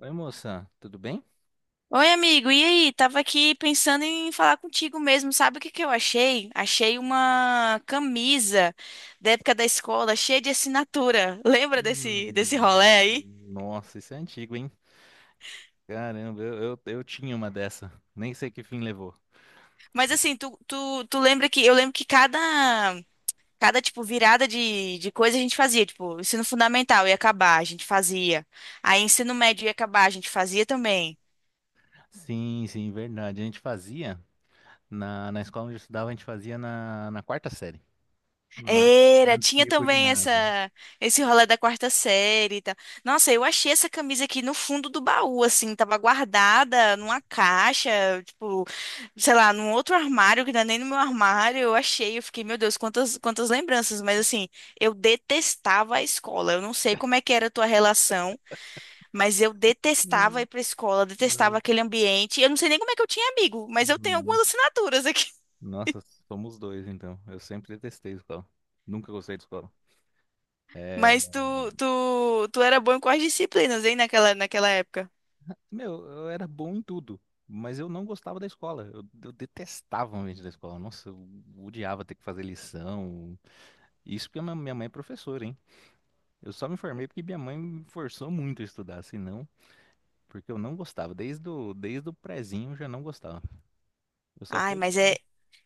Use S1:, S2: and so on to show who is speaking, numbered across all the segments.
S1: Oi, moça, tudo bem?
S2: Oi, amigo. E aí? Tava aqui pensando em falar contigo mesmo. Sabe o que que eu achei? Achei uma camisa da época da escola, cheia de assinatura. Lembra desse rolê
S1: Hum,
S2: aí?
S1: Nossa, isso é antigo, hein? Caramba, eu tinha uma dessa. Nem sei que fim levou.
S2: Mas assim, tu lembra que eu lembro que cada tipo virada de coisa a gente fazia, tipo, ensino fundamental ia acabar, a gente fazia. Aí ensino médio ia acabar, a gente fazia também.
S1: Sim, sim, verdade. A gente fazia, na escola onde eu estudava, a gente fazia na quarta série. Na,
S2: Era,
S1: Antes
S2: tinha
S1: de ir pro
S2: também essa
S1: ginásio.
S2: esse rolê da quarta série e tal. Nossa, eu achei essa camisa aqui no fundo do baú, assim, tava guardada numa caixa, tipo, sei lá, num outro armário, que não é nem no meu armário, eu achei, eu fiquei, meu Deus, quantas, quantas lembranças, mas assim, eu detestava a escola. Eu não sei como é que era a tua relação, mas eu detestava ir pra escola, detestava
S1: Hum,
S2: aquele ambiente. Eu não sei nem como é que eu tinha amigo, mas eu tenho algumas
S1: Nossa,
S2: assinaturas aqui.
S1: Nossa, somos dois, então. Eu sempre detestei escola. Nunca gostei de escola. É,
S2: Mas tu era bom em quais disciplinas, hein, naquela época?
S1: meu, eu era bom em tudo, mas eu não gostava da escola. Eu detestava o ambiente da escola. Nossa, eu odiava ter que fazer lição. Isso porque a minha mãe é professora, hein? Eu só me formei porque minha mãe me forçou muito a estudar, senão, porque eu não gostava. Desde o prezinho eu já não gostava. Eu só
S2: Ai,
S1: fui,
S2: mas é,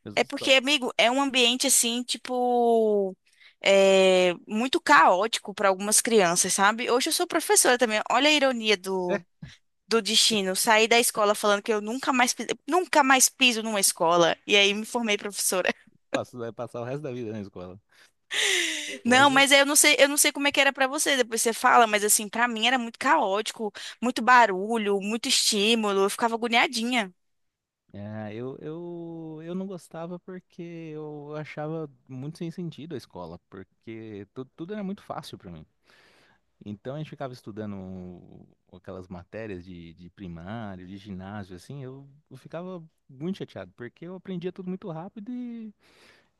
S1: eu
S2: é
S1: só
S2: porque, amigo, é um ambiente assim, tipo, é, muito caótico para algumas crianças, sabe? Hoje eu sou professora também. Olha a ironia do destino. Saí da escola falando que eu nunca mais, nunca mais piso numa escola. E aí me formei professora.
S1: passo, Vai passar o resto da vida na escola. Mas
S2: Não, mas eu não sei como é que era para você, depois você fala, mas assim, para mim era muito caótico, muito barulho, muito estímulo. Eu ficava agoniadinha.
S1: é, eu não gostava porque eu achava muito sem sentido a escola, porque tu, tudo era muito fácil pra mim. Então a gente ficava estudando aquelas matérias de primário, de ginásio, assim, eu ficava muito chateado, porque eu aprendia tudo muito rápido e,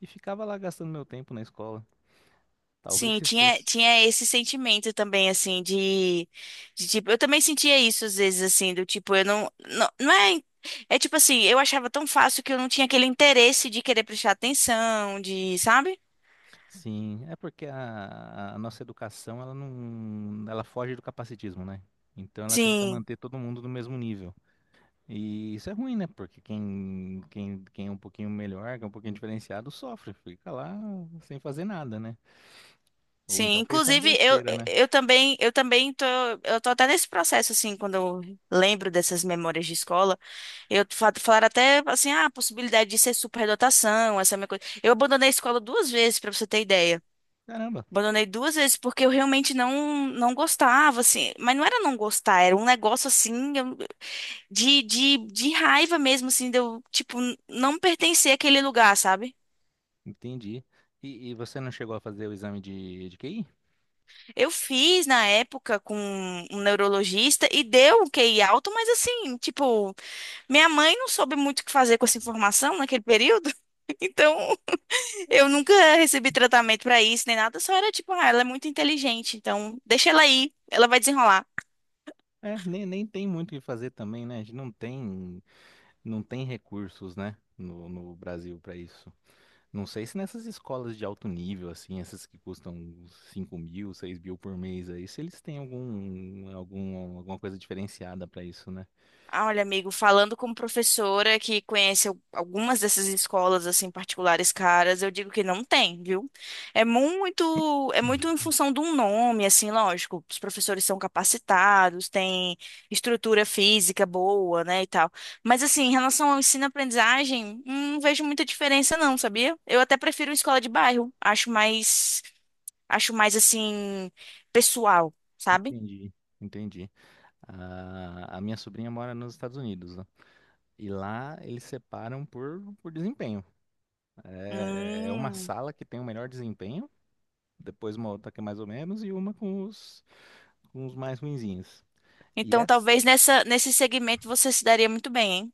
S1: e ficava lá gastando meu tempo na escola. Talvez
S2: Sim,
S1: se fosse.
S2: tinha esse sentimento também, assim, de, tipo, eu também sentia isso às vezes, assim, do tipo, eu não, não, não é, é tipo assim, eu achava tão fácil que eu não tinha aquele interesse de querer prestar atenção, de, sabe?
S1: Sim, é porque a nossa educação, ela não, ela foge do capacitismo, né? Então ela tenta
S2: Sim,
S1: manter todo mundo no mesmo nível. E isso é ruim, né? Porque quem é um pouquinho melhor, que é um pouquinho diferenciado, sofre, fica lá sem fazer nada, né? Ou
S2: sim,
S1: então pensando
S2: inclusive
S1: besteira, né?
S2: eu também tô, eu tô até nesse processo, assim, quando eu lembro dessas memórias de escola, eu falaram até, assim, ah, a possibilidade de ser superdotação, essa é a minha coisa, eu abandonei a escola duas vezes, pra você ter ideia.
S1: Caramba,
S2: Abandonei duas vezes porque eu realmente não gostava, assim. Mas não era não gostar, era um negócio assim de raiva mesmo, assim, de eu, tipo, não pertencer àquele lugar, sabe?
S1: entendi. E você não chegou a fazer o exame de QI?
S2: Eu fiz na época com um neurologista e deu um QI alto, mas assim, tipo, minha mãe não soube muito o que fazer com essa informação naquele período. Então, eu nunca recebi tratamento pra isso nem nada, só era tipo, ah, ela é muito inteligente, então deixa ela aí, ela vai desenrolar.
S1: É, nem tem muito o que fazer também, né? A gente não tem recursos, né? No Brasil para isso. Não sei se nessas escolas de alto nível, assim, essas que custam 5.000, 6.000 por mês aí, se eles têm alguma coisa diferenciada para isso, né?
S2: Ah, olha, amigo, falando como professora que conhece algumas dessas escolas assim particulares caras, eu digo que não tem, viu? É
S1: Hum.
S2: muito em função de um nome, assim, lógico. Os professores são capacitados, têm estrutura física boa, né, e tal. Mas assim, em relação ao ensino-aprendizagem, não vejo muita diferença, não, sabia? Eu até prefiro escola de bairro. Acho mais assim pessoal, sabe?
S1: Entendi, entendi. A minha sobrinha mora nos Estados Unidos, né? E lá eles separam por desempenho. É uma
S2: Hum.
S1: sala que tem o melhor desempenho, depois uma outra que é mais ou menos, e uma com os mais ruinzinhos. E
S2: Então,
S1: essa,
S2: Talvez nesse segmento você se daria muito bem, hein?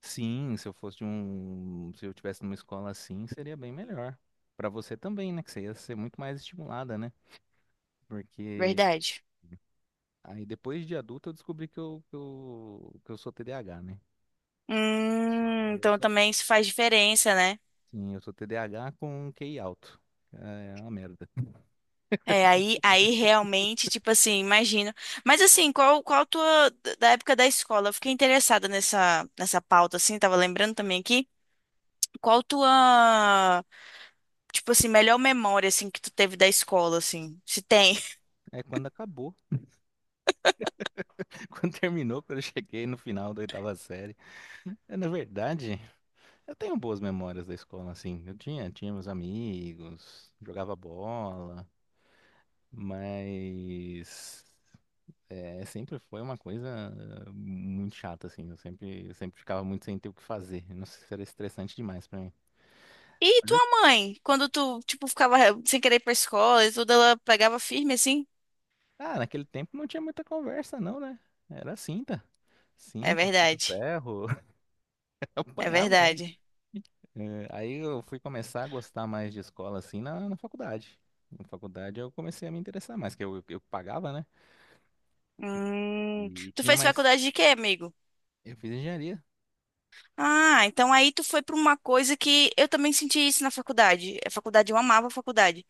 S1: sim, se eu fosse de um, se eu tivesse numa escola assim, seria bem melhor. Pra você também, né? Que você ia ser muito mais estimulada, né? Porque
S2: Verdade.
S1: aí depois de adulto eu descobri que eu, que eu sou TDAH, né? Só- eu
S2: Então
S1: só-
S2: também isso faz diferença, né?
S1: sim, eu sou TDAH com QI alto. É uma merda.
S2: É, aí realmente, tipo assim, imagino. Mas assim, qual, qual a tua, da época da escola? Eu fiquei interessada nessa pauta, assim, tava lembrando também aqui. Qual a tua, tipo assim, melhor memória, assim, que tu teve da escola, assim, se tem?
S1: É quando acabou. Quando terminou, quando eu cheguei no final da oitava série. É, na verdade, eu tenho boas memórias da escola, assim. Eu tinha meus amigos, jogava bola, mas é, sempre foi uma coisa muito chata, assim. Eu sempre ficava muito sem ter o que fazer. Não sei se era estressante demais pra mim.
S2: E
S1: Olha,
S2: tua mãe, quando tu, tipo, ficava sem querer ir pra escola e tudo, ela pegava firme, assim?
S1: ah, naquele tempo não tinha muita conversa, não, né? Era cinta.
S2: É
S1: Cinta, fio do
S2: verdade,
S1: ferro. Eu
S2: é
S1: apanhava, né?
S2: verdade.
S1: É, aí eu fui começar a gostar mais de escola assim na faculdade. Na faculdade eu comecei a me interessar mais, que eu pagava, né?
S2: Hum,
S1: E
S2: tu
S1: tinha
S2: fez
S1: mais.
S2: faculdade de quê, amigo?
S1: Eu fiz engenharia.
S2: Ah, então aí tu foi para uma coisa que eu também senti isso na faculdade. A faculdade, eu amava a faculdade,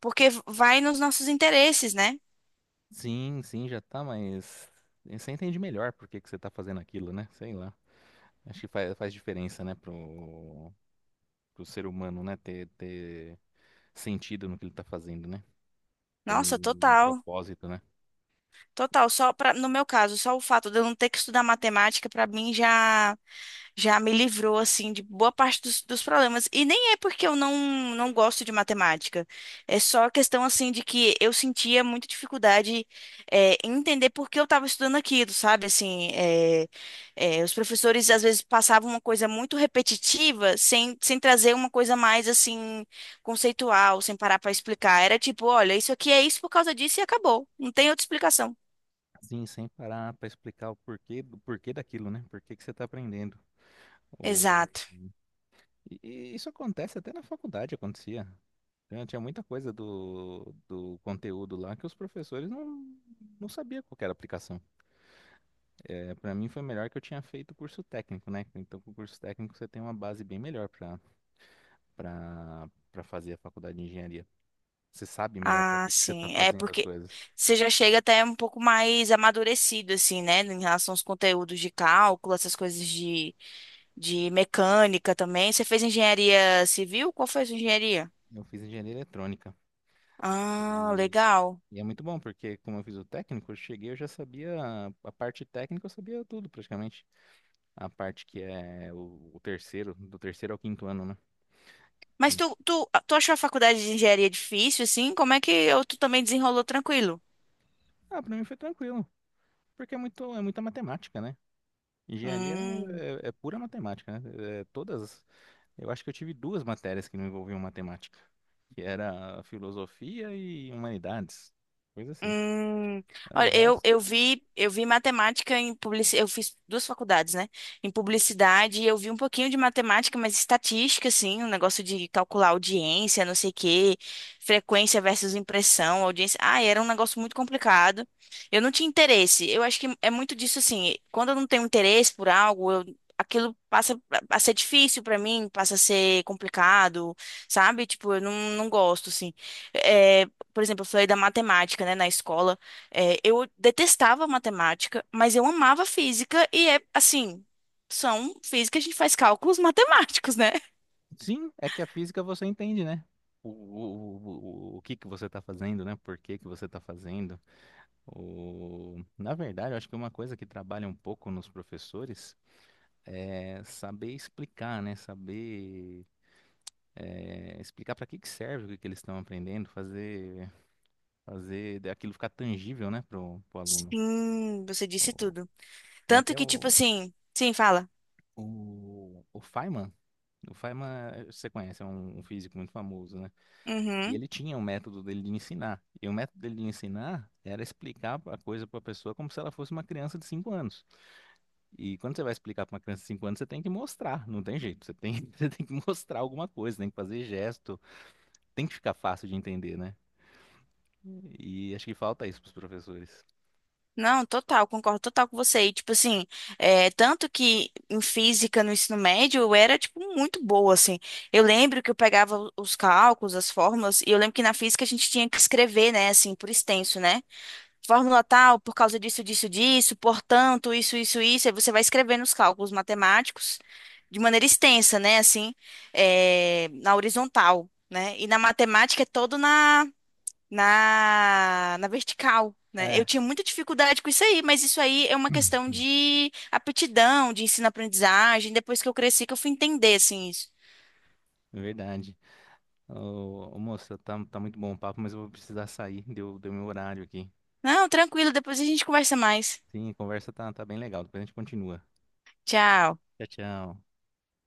S2: porque vai nos nossos interesses, né?
S1: Sim, sim, já tá, mas você entende melhor por que que você tá fazendo aquilo, né? Sei lá. Acho que faz diferença, né, pro ser humano, né, ter sentido no que ele tá fazendo, né? Ter
S2: Nossa,
S1: um
S2: total.
S1: propósito, né?
S2: Total, só para no meu caso, só o fato de eu não ter que estudar matemática para mim já me livrou assim de boa parte dos problemas. E nem é porque eu não gosto de matemática. É só questão assim de que eu sentia muita dificuldade em entender por que eu estava estudando aquilo, sabe? Assim, os professores às vezes passavam uma coisa muito repetitiva sem trazer uma coisa mais assim conceitual, sem parar para explicar. Era tipo, olha, isso aqui é isso por causa disso e acabou. Não tem outra explicação.
S1: Sim, sem parar pra explicar o porquê, do porquê daquilo, né? Por que que você tá aprendendo.
S2: Exato.
S1: E isso acontece até na faculdade, acontecia. Tinha muita coisa do conteúdo lá que os professores não sabiam qual que era a aplicação. É, para mim foi melhor que eu tinha feito curso técnico, né? Então, com o curso técnico você tem uma base bem melhor para para fazer a faculdade de engenharia. Você sabe melhor para
S2: Ah,
S1: que que você está
S2: sim. É
S1: fazendo as
S2: porque
S1: coisas.
S2: você já chega até um pouco mais amadurecido, assim, né? Em relação aos conteúdos de cálculo, essas coisas de mecânica também. Você fez engenharia civil? Qual foi a sua engenharia?
S1: Eu fiz engenharia eletrônica
S2: Ah,
S1: e,
S2: legal.
S1: e é muito bom porque como eu fiz o técnico, eu cheguei, eu já sabia a parte técnica, eu sabia tudo praticamente. A parte que é o terceiro, do terceiro ao quinto ano, né? E-
S2: Mas tu achou a faculdade de engenharia difícil, assim? Como é que ou tu também desenrolou tranquilo?
S1: ah, pra mim foi tranquilo, porque é muita matemática, né? Engenharia
S2: Hum.
S1: é pura matemática, né? É, todas, eu acho que eu tive duas matérias que não envolviam matemática, que era filosofia e humanidades, coisa assim.
S2: Hum,
S1: É, o
S2: olha,
S1: resto,
S2: eu vi matemática em publicidade, eu fiz duas faculdades, né? Em publicidade, eu vi um pouquinho de matemática, mas estatística, assim, um negócio de calcular audiência, não sei o quê, frequência versus impressão, audiência. Ah, era um negócio muito complicado. Eu não tinha interesse. Eu acho que é muito disso, assim, quando eu não tenho interesse por algo, aquilo passa a ser difícil pra mim, passa a ser complicado, sabe? Tipo, eu não, não gosto, assim. É, por exemplo, eu falei da matemática, né, na escola. É, eu detestava matemática, mas eu amava física e é assim, são física, a gente faz cálculos matemáticos, né?
S1: sim, é que a física você entende, né? O que que você está fazendo, né? Por que que você está fazendo? Na verdade, eu acho que uma coisa que trabalha um pouco nos professores é, saber explicar, né? Saber explicar para que que serve o que que eles estão aprendendo, fazer aquilo ficar tangível, né, pro aluno.
S2: Sim, você disse
S1: O-
S2: tudo.
S1: Tem
S2: Tanto
S1: até
S2: que, tipo
S1: o,
S2: assim, sim, fala.
S1: o, o Feynman. O Feynman, você conhece, é um físico muito famoso, né? E
S2: Uhum.
S1: ele tinha um método dele de ensinar. E o método dele de ensinar era explicar a coisa para a pessoa como se ela fosse uma criança de 5 anos. E quando você vai explicar para uma criança de 5 anos, você tem que mostrar, não tem jeito. Você tem, você tem que mostrar alguma coisa, tem que fazer gesto, tem que ficar fácil de entender, né? E acho que falta isso para os professores.
S2: Não, total, concordo total com você. E, tipo assim, é, tanto que em física no ensino médio eu era, tipo, muito boa, assim. Eu lembro que eu pegava os cálculos, as fórmulas, e eu lembro que na física a gente tinha que escrever, né, assim, por extenso, né? Fórmula tal, por causa disso, disso, disso, portanto, isso, aí você vai escrevendo os cálculos matemáticos de maneira extensa, né, assim, na horizontal, né, e na matemática é todo na, na vertical. Né? Eu
S1: É,
S2: tinha muita dificuldade com isso aí, mas isso aí é uma questão de aptidão, de ensino-aprendizagem. Depois que eu cresci, que eu fui entender assim isso.
S1: é verdade. Ô, moça, tá muito bom o papo, mas eu vou precisar sair. Deu meu horário aqui.
S2: Não, tranquilo, depois a gente conversa mais.
S1: Sim, a conversa tá bem legal. Depois a gente continua.
S2: Tchau.
S1: Tchau, tchau.